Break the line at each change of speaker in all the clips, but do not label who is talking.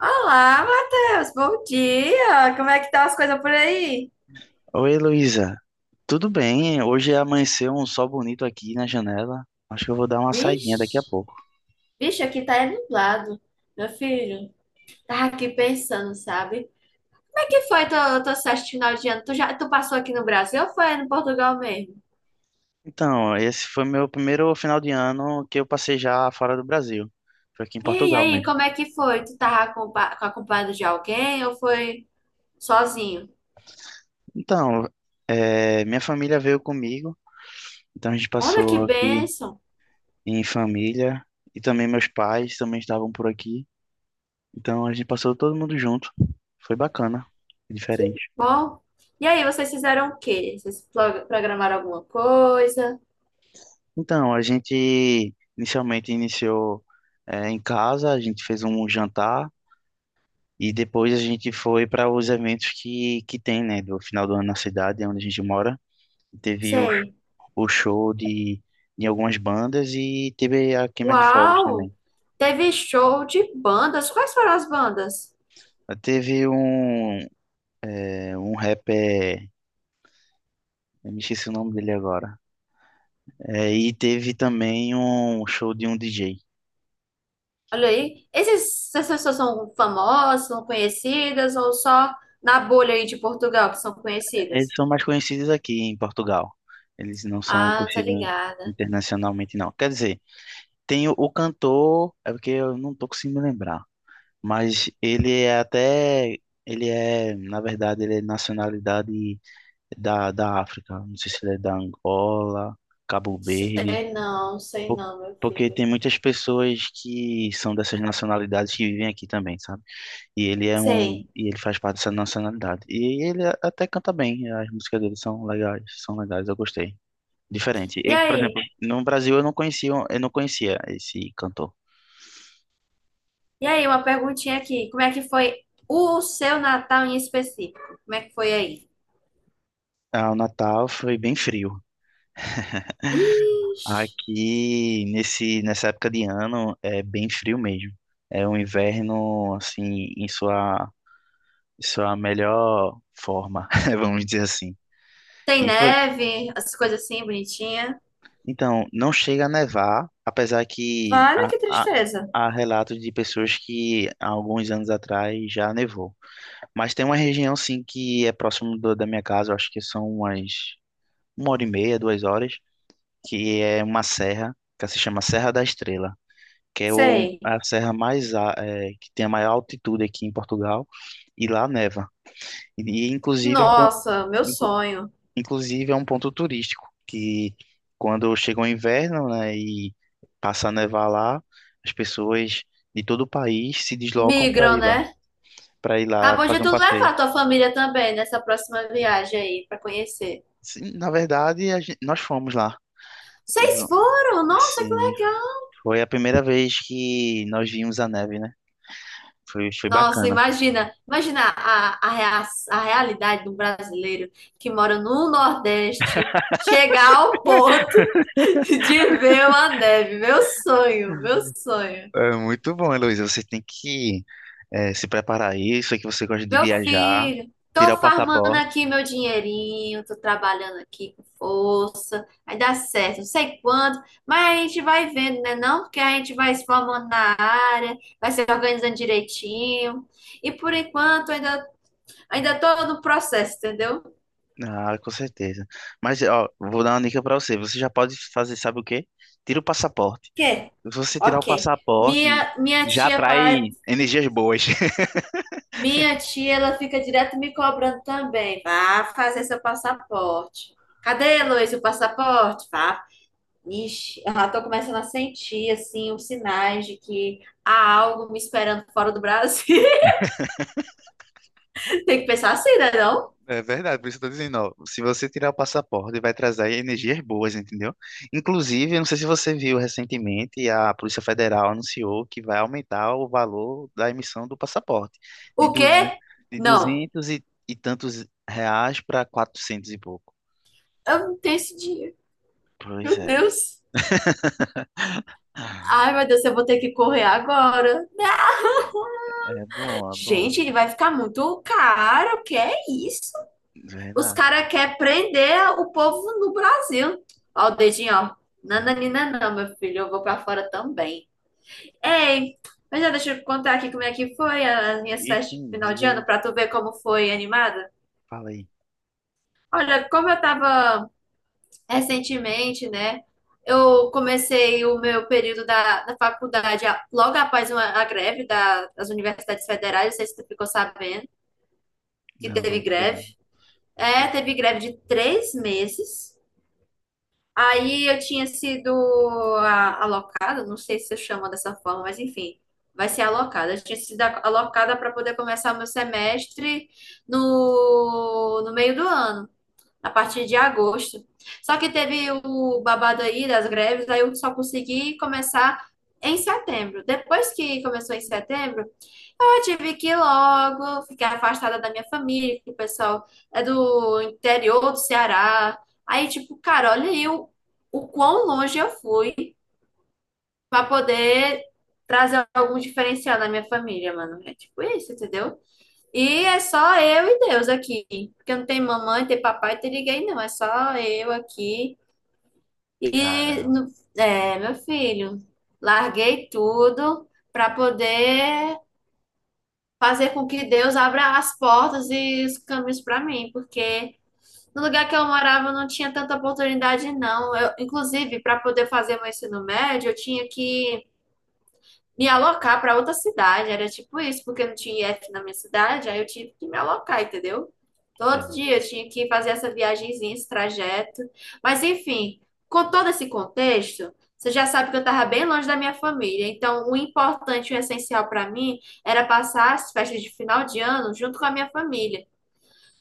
Olá, Matheus, bom dia! Como é que estão as coisas por aí?
Oi, Luísa. Tudo bem? Hoje amanheceu um sol bonito aqui na janela. Acho que eu vou dar uma saidinha daqui a
Vixe,
pouco.
vixe, aqui tá é nublado. Meu filho, tava aqui pensando, sabe? Como é que foi tua festa de final de ano? Tu já, tu passou aqui no Brasil ou foi no Portugal mesmo?
Então, esse foi meu primeiro final de ano que eu passei já fora do Brasil. Foi aqui em
E
Portugal
aí,
mesmo.
como é que foi? Tu tava acompanhado de alguém ou foi sozinho?
Então, é, minha família veio comigo, então a gente
Olha que
passou aqui
bênção,
em família e também meus pais também estavam por aqui. Então a gente passou todo mundo junto. Foi bacana,
que
diferente.
bom! E aí, vocês fizeram o quê? Vocês programaram alguma coisa?
Então, a gente inicialmente iniciou em casa, a gente fez um jantar e depois a gente foi para os eventos que tem, né, do final do ano na cidade, onde a gente mora. Teve
Sei.
o show de algumas bandas e teve a queima de fogos também.
Uau! Teve show de bandas. Quais foram as bandas?
Teve um, um rapper, eu me esqueci o nome dele agora. E teve também um show de um DJ.
Olha aí. Essas pessoas são famosas, são conhecidas ou só na bolha aí de Portugal que são
Eles
conhecidas?
são mais conhecidos aqui em Portugal. Eles não são
Ah, tá
conhecidos
ligada.
internacionalmente, não. Quer dizer, tem o cantor, é porque eu não tô conseguindo me lembrar, mas ele é, na verdade, ele é nacionalidade da África. Não sei se ele é da Angola, Cabo Verde,
Sei
po-
não, meu
porque
filho.
tem muitas pessoas que são dessas nacionalidades que vivem aqui também, sabe? E
Sei.
e ele faz parte dessa nacionalidade. E até canta bem, as músicas dele são legais, eu gostei. Diferente.
E
Eu, por exemplo,
aí?
no Brasil eu não conhecia esse cantor.
E aí, uma perguntinha aqui. Como é que foi o seu Natal em específico? Como é que foi aí?
Ah, o Natal foi bem frio.
Ixi.
Aqui nesse nessa época de ano é bem frio mesmo. É um inverno assim em sua melhor forma, vamos dizer assim.
Tem
E foi
neve, as coisas assim, bonitinha.
Então, não chega a nevar, apesar que
Vale, que tristeza.
há relatos de pessoas que há alguns anos atrás já nevou. Mas tem uma região, sim, que é próximo da minha casa, eu acho que são uma hora e meia, duas horas, que é uma serra, que se chama Serra da Estrela, que é
Sei.
a serra mais, que tem a maior altitude aqui em Portugal, e lá neva. E, e, inclusive, é um, pon-
Nossa, meu sonho.
Inclusive, é um ponto turístico que, quando chega o inverno, né, e passa a nevar lá, as pessoas de todo o país se deslocam
Migram, né?
para ir
Tá
lá
bom de
fazer um
tu
passeio.
levar tua família também nessa próxima viagem aí pra conhecer.
Sim, na verdade, nós fomos lá.
Vocês
V-
foram? Nossa, que
Sim,
legal.
foi a primeira vez que nós vimos a neve, né? Foi, foi
Nossa,
bacana.
imagina, imagina a realidade do brasileiro que mora no Nordeste chegar ao ponto de ver uma neve. Meu sonho, meu sonho.
É muito bom, Heloísa. Você tem que se preparar aí. Isso que você gosta de
Meu
viajar,
filho, tô
tirar o
farmando
passaporte.
aqui meu dinheirinho, tô trabalhando aqui com força, vai dar certo, não sei quando, mas a gente vai vendo, né? Não, porque a gente vai se formando na área, vai se organizando direitinho. E por enquanto ainda tô no processo, entendeu?
Ah, com certeza. Mas, ó, vou dar uma dica pra você. Você já pode fazer, sabe o quê? Tira o passaporte.
Quê?
Se você tirar o
Ok.
passaporte,
Minha
já atrai energias boas.
minha tia, ela fica direto me cobrando também. Vá fazer seu passaporte. Cadê, Luiz, o passaporte? Vá. Ixi, eu já tô começando a sentir, assim, os sinais de que há algo me esperando fora do Brasil. Tem que pensar assim, né, não?
É verdade, por isso que eu tô dizendo, ó, se você tirar o passaporte, vai trazer energias boas, entendeu? Inclusive, eu não sei se você viu recentemente, a Polícia Federal anunciou que vai aumentar o valor da emissão do passaporte de,
O
duze-
quê?
de
Não,
200 e tantos reais para 400 e pouco.
eu não tenho esse dinheiro.
Pois
Meu
é.
Deus.
Ah,
Ai, meu Deus, eu vou ter que correr agora.
é bom, é bom.
Gente, ele vai ficar muito caro. O que é isso? Os
Verdade.
caras querem prender o povo no Brasil. Ó, o dedinho, ó. Nananina, não, meu filho, eu vou pra fora também. Ei, mas já deixa eu contar aqui como é que foi as minhas festas
Isso,
de final
diz
de ano,
aí.
pra tu ver como foi animada.
Fala aí.
Olha, como eu tava recentemente, né? Eu comecei o meu período da faculdade logo após a greve das universidades federais, não sei se tu ficou sabendo que
Não,
teve
não, porque
greve.
não?
É, teve greve de 3 meses. Aí eu tinha sido alocada, não sei se eu chamo dessa forma, mas enfim, vai ser alocada. Eu tinha sido alocada para poder começar o meu semestre no meio do ano a partir de agosto. Só que teve o babado aí das greves, aí eu só consegui começar em setembro. Depois que começou em setembro, eu tive que ir logo ficar afastada da minha família, que o pessoal é do interior do Ceará. Aí, tipo, cara, o quão longe eu fui para poder trazer algum diferencial na minha família, mano. É tipo isso, entendeu? E é só eu e Deus aqui. Porque não tem mamãe, tem papai, tem ninguém, não. É só eu aqui. E,
Caramba.
é, meu filho, larguei tudo para poder fazer com que Deus abra as portas e os caminhos para mim. Porque no lugar que eu morava não tinha tanta oportunidade, não. Eu, inclusive, para poder fazer meu ensino médio, eu tinha que me alocar para outra cidade. Era tipo isso, porque não tinha I F na minha cidade, aí eu tive que me alocar, entendeu? Todo
É.
dia eu tinha que fazer essa viagenzinha, esse trajeto. Mas enfim, com todo esse contexto, você já sabe que eu estava bem longe da minha família. Então, o importante, e o essencial para mim era passar as festas de final de ano junto com a minha família.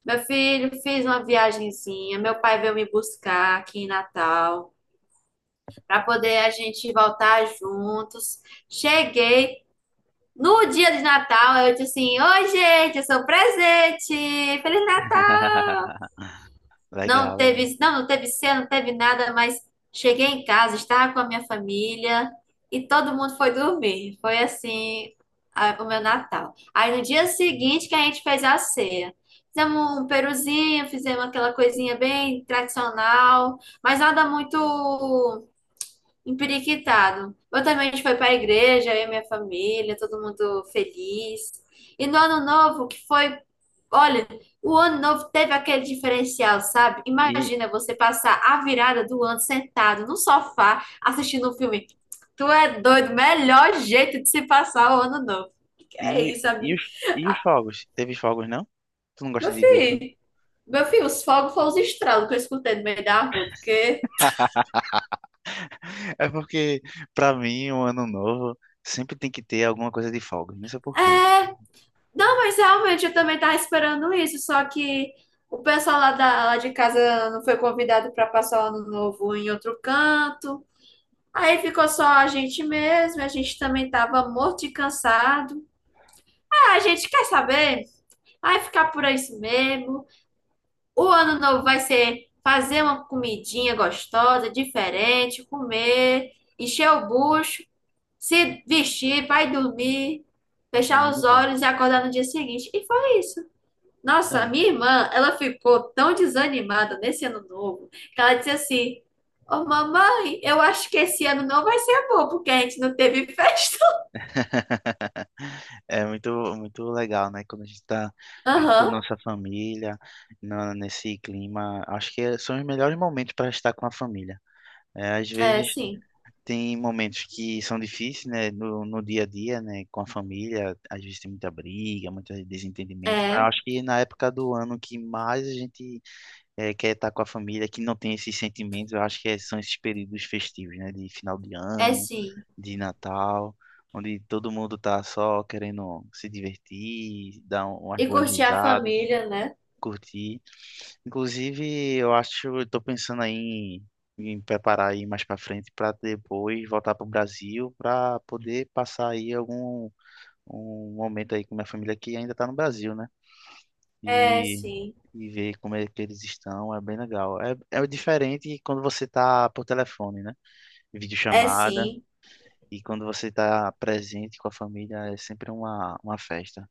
Meu filho fez uma viagenzinha, meu pai veio me buscar aqui em Natal para poder a gente voltar juntos. Cheguei, no dia de Natal, eu disse assim: "Oi, gente, eu sou o presente! Feliz Natal!"
Legal, legal.
Não teve cena, não teve nada, mas cheguei em casa, estava com a minha família e todo mundo foi dormir. Foi assim o meu Natal. Aí no dia seguinte que a gente fez a ceia. Fizemos um peruzinho, fizemos aquela coisinha bem tradicional, mas nada muito empiriquitado. Eu também, a gente foi para a igreja, eu e minha família, todo mundo feliz. E no ano novo, que foi. Olha, o ano novo teve aquele diferencial, sabe?
E,
Imagina você passar a virada do ano sentado no sofá, assistindo um filme. Tu é doido, melhor jeito de se passar o ano novo. Que é
e,
isso,
e,
amigo?
os, e os fogos? Teve fogos, não? Tu não
Meu
gosta de ver fogos?
filho, meu filho, os fogos foram os estralos que eu escutei no meio da rua, porque.
É porque, pra mim, o ano novo sempre tem que ter alguma coisa de fogos. Não sei por quê.
É. Não, mas realmente eu também tava esperando isso, só que o pessoal lá de casa não foi convidado para passar o ano novo em outro canto. Aí ficou só a gente mesmo, a gente também tava morto de cansado. Ah, a gente quer saber? Vai ficar por isso mesmo. O ano novo vai ser fazer uma comidinha gostosa, diferente, comer, encher o bucho, se vestir, vai dormir,
É
fechar
muito
os
bom.
olhos e acordar no dia seguinte. E foi isso. Nossa, a
Ah.
minha irmã, ela ficou tão desanimada nesse ano novo que ela disse assim: "Ô mamãe, eu acho que esse ano não vai ser bom porque a gente não teve festa."
É muito, muito legal, né? Quando a gente está junto com a
Aham,
nossa família, nesse clima, acho que são os melhores momentos para estar com a família. É, às
é
vezes
sim,
tem momentos que são difíceis, né, no dia a dia, né, com a família, às vezes tem muita briga, muitos desentendimentos, mas eu
é,
acho que na época do ano que mais a gente quer estar com a família, que não tem esses sentimentos, eu acho que são esses períodos festivos, né, de final de
é
ano,
sim.
de Natal, onde todo mundo tá só querendo se divertir, dar umas
E
boas
curtir a
risadas
família, né?
curti. Inclusive, eu acho, eu tô pensando aí em preparar aí mais para frente para depois voltar para o Brasil para poder passar aí algum um momento aí com minha família que ainda tá no Brasil, né?
É
E
sim,
e ver como é que eles estão, é bem legal. É, é diferente quando você tá por telefone, né?
é
Videochamada.
sim.
E quando você está presente com a família, é sempre uma festa.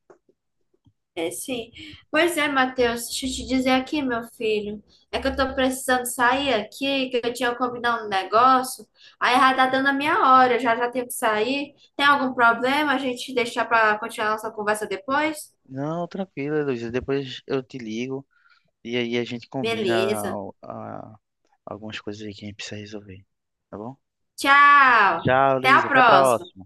É, sim. Pois é, Matheus, deixa eu te dizer aqui, meu filho. É que eu tô precisando sair aqui, que eu tinha combinado um negócio. Aí já tá dando a minha hora, já tenho que sair. Tem algum problema a gente deixar pra continuar nossa conversa depois?
Não, tranquilo, Luiz. Depois eu te ligo. E aí a gente combina
Beleza.
algumas coisas aí que a gente precisa resolver. Tá bom?
Tchau.
Tchau,
Até a
Luiz. Até a
próxima.
próxima.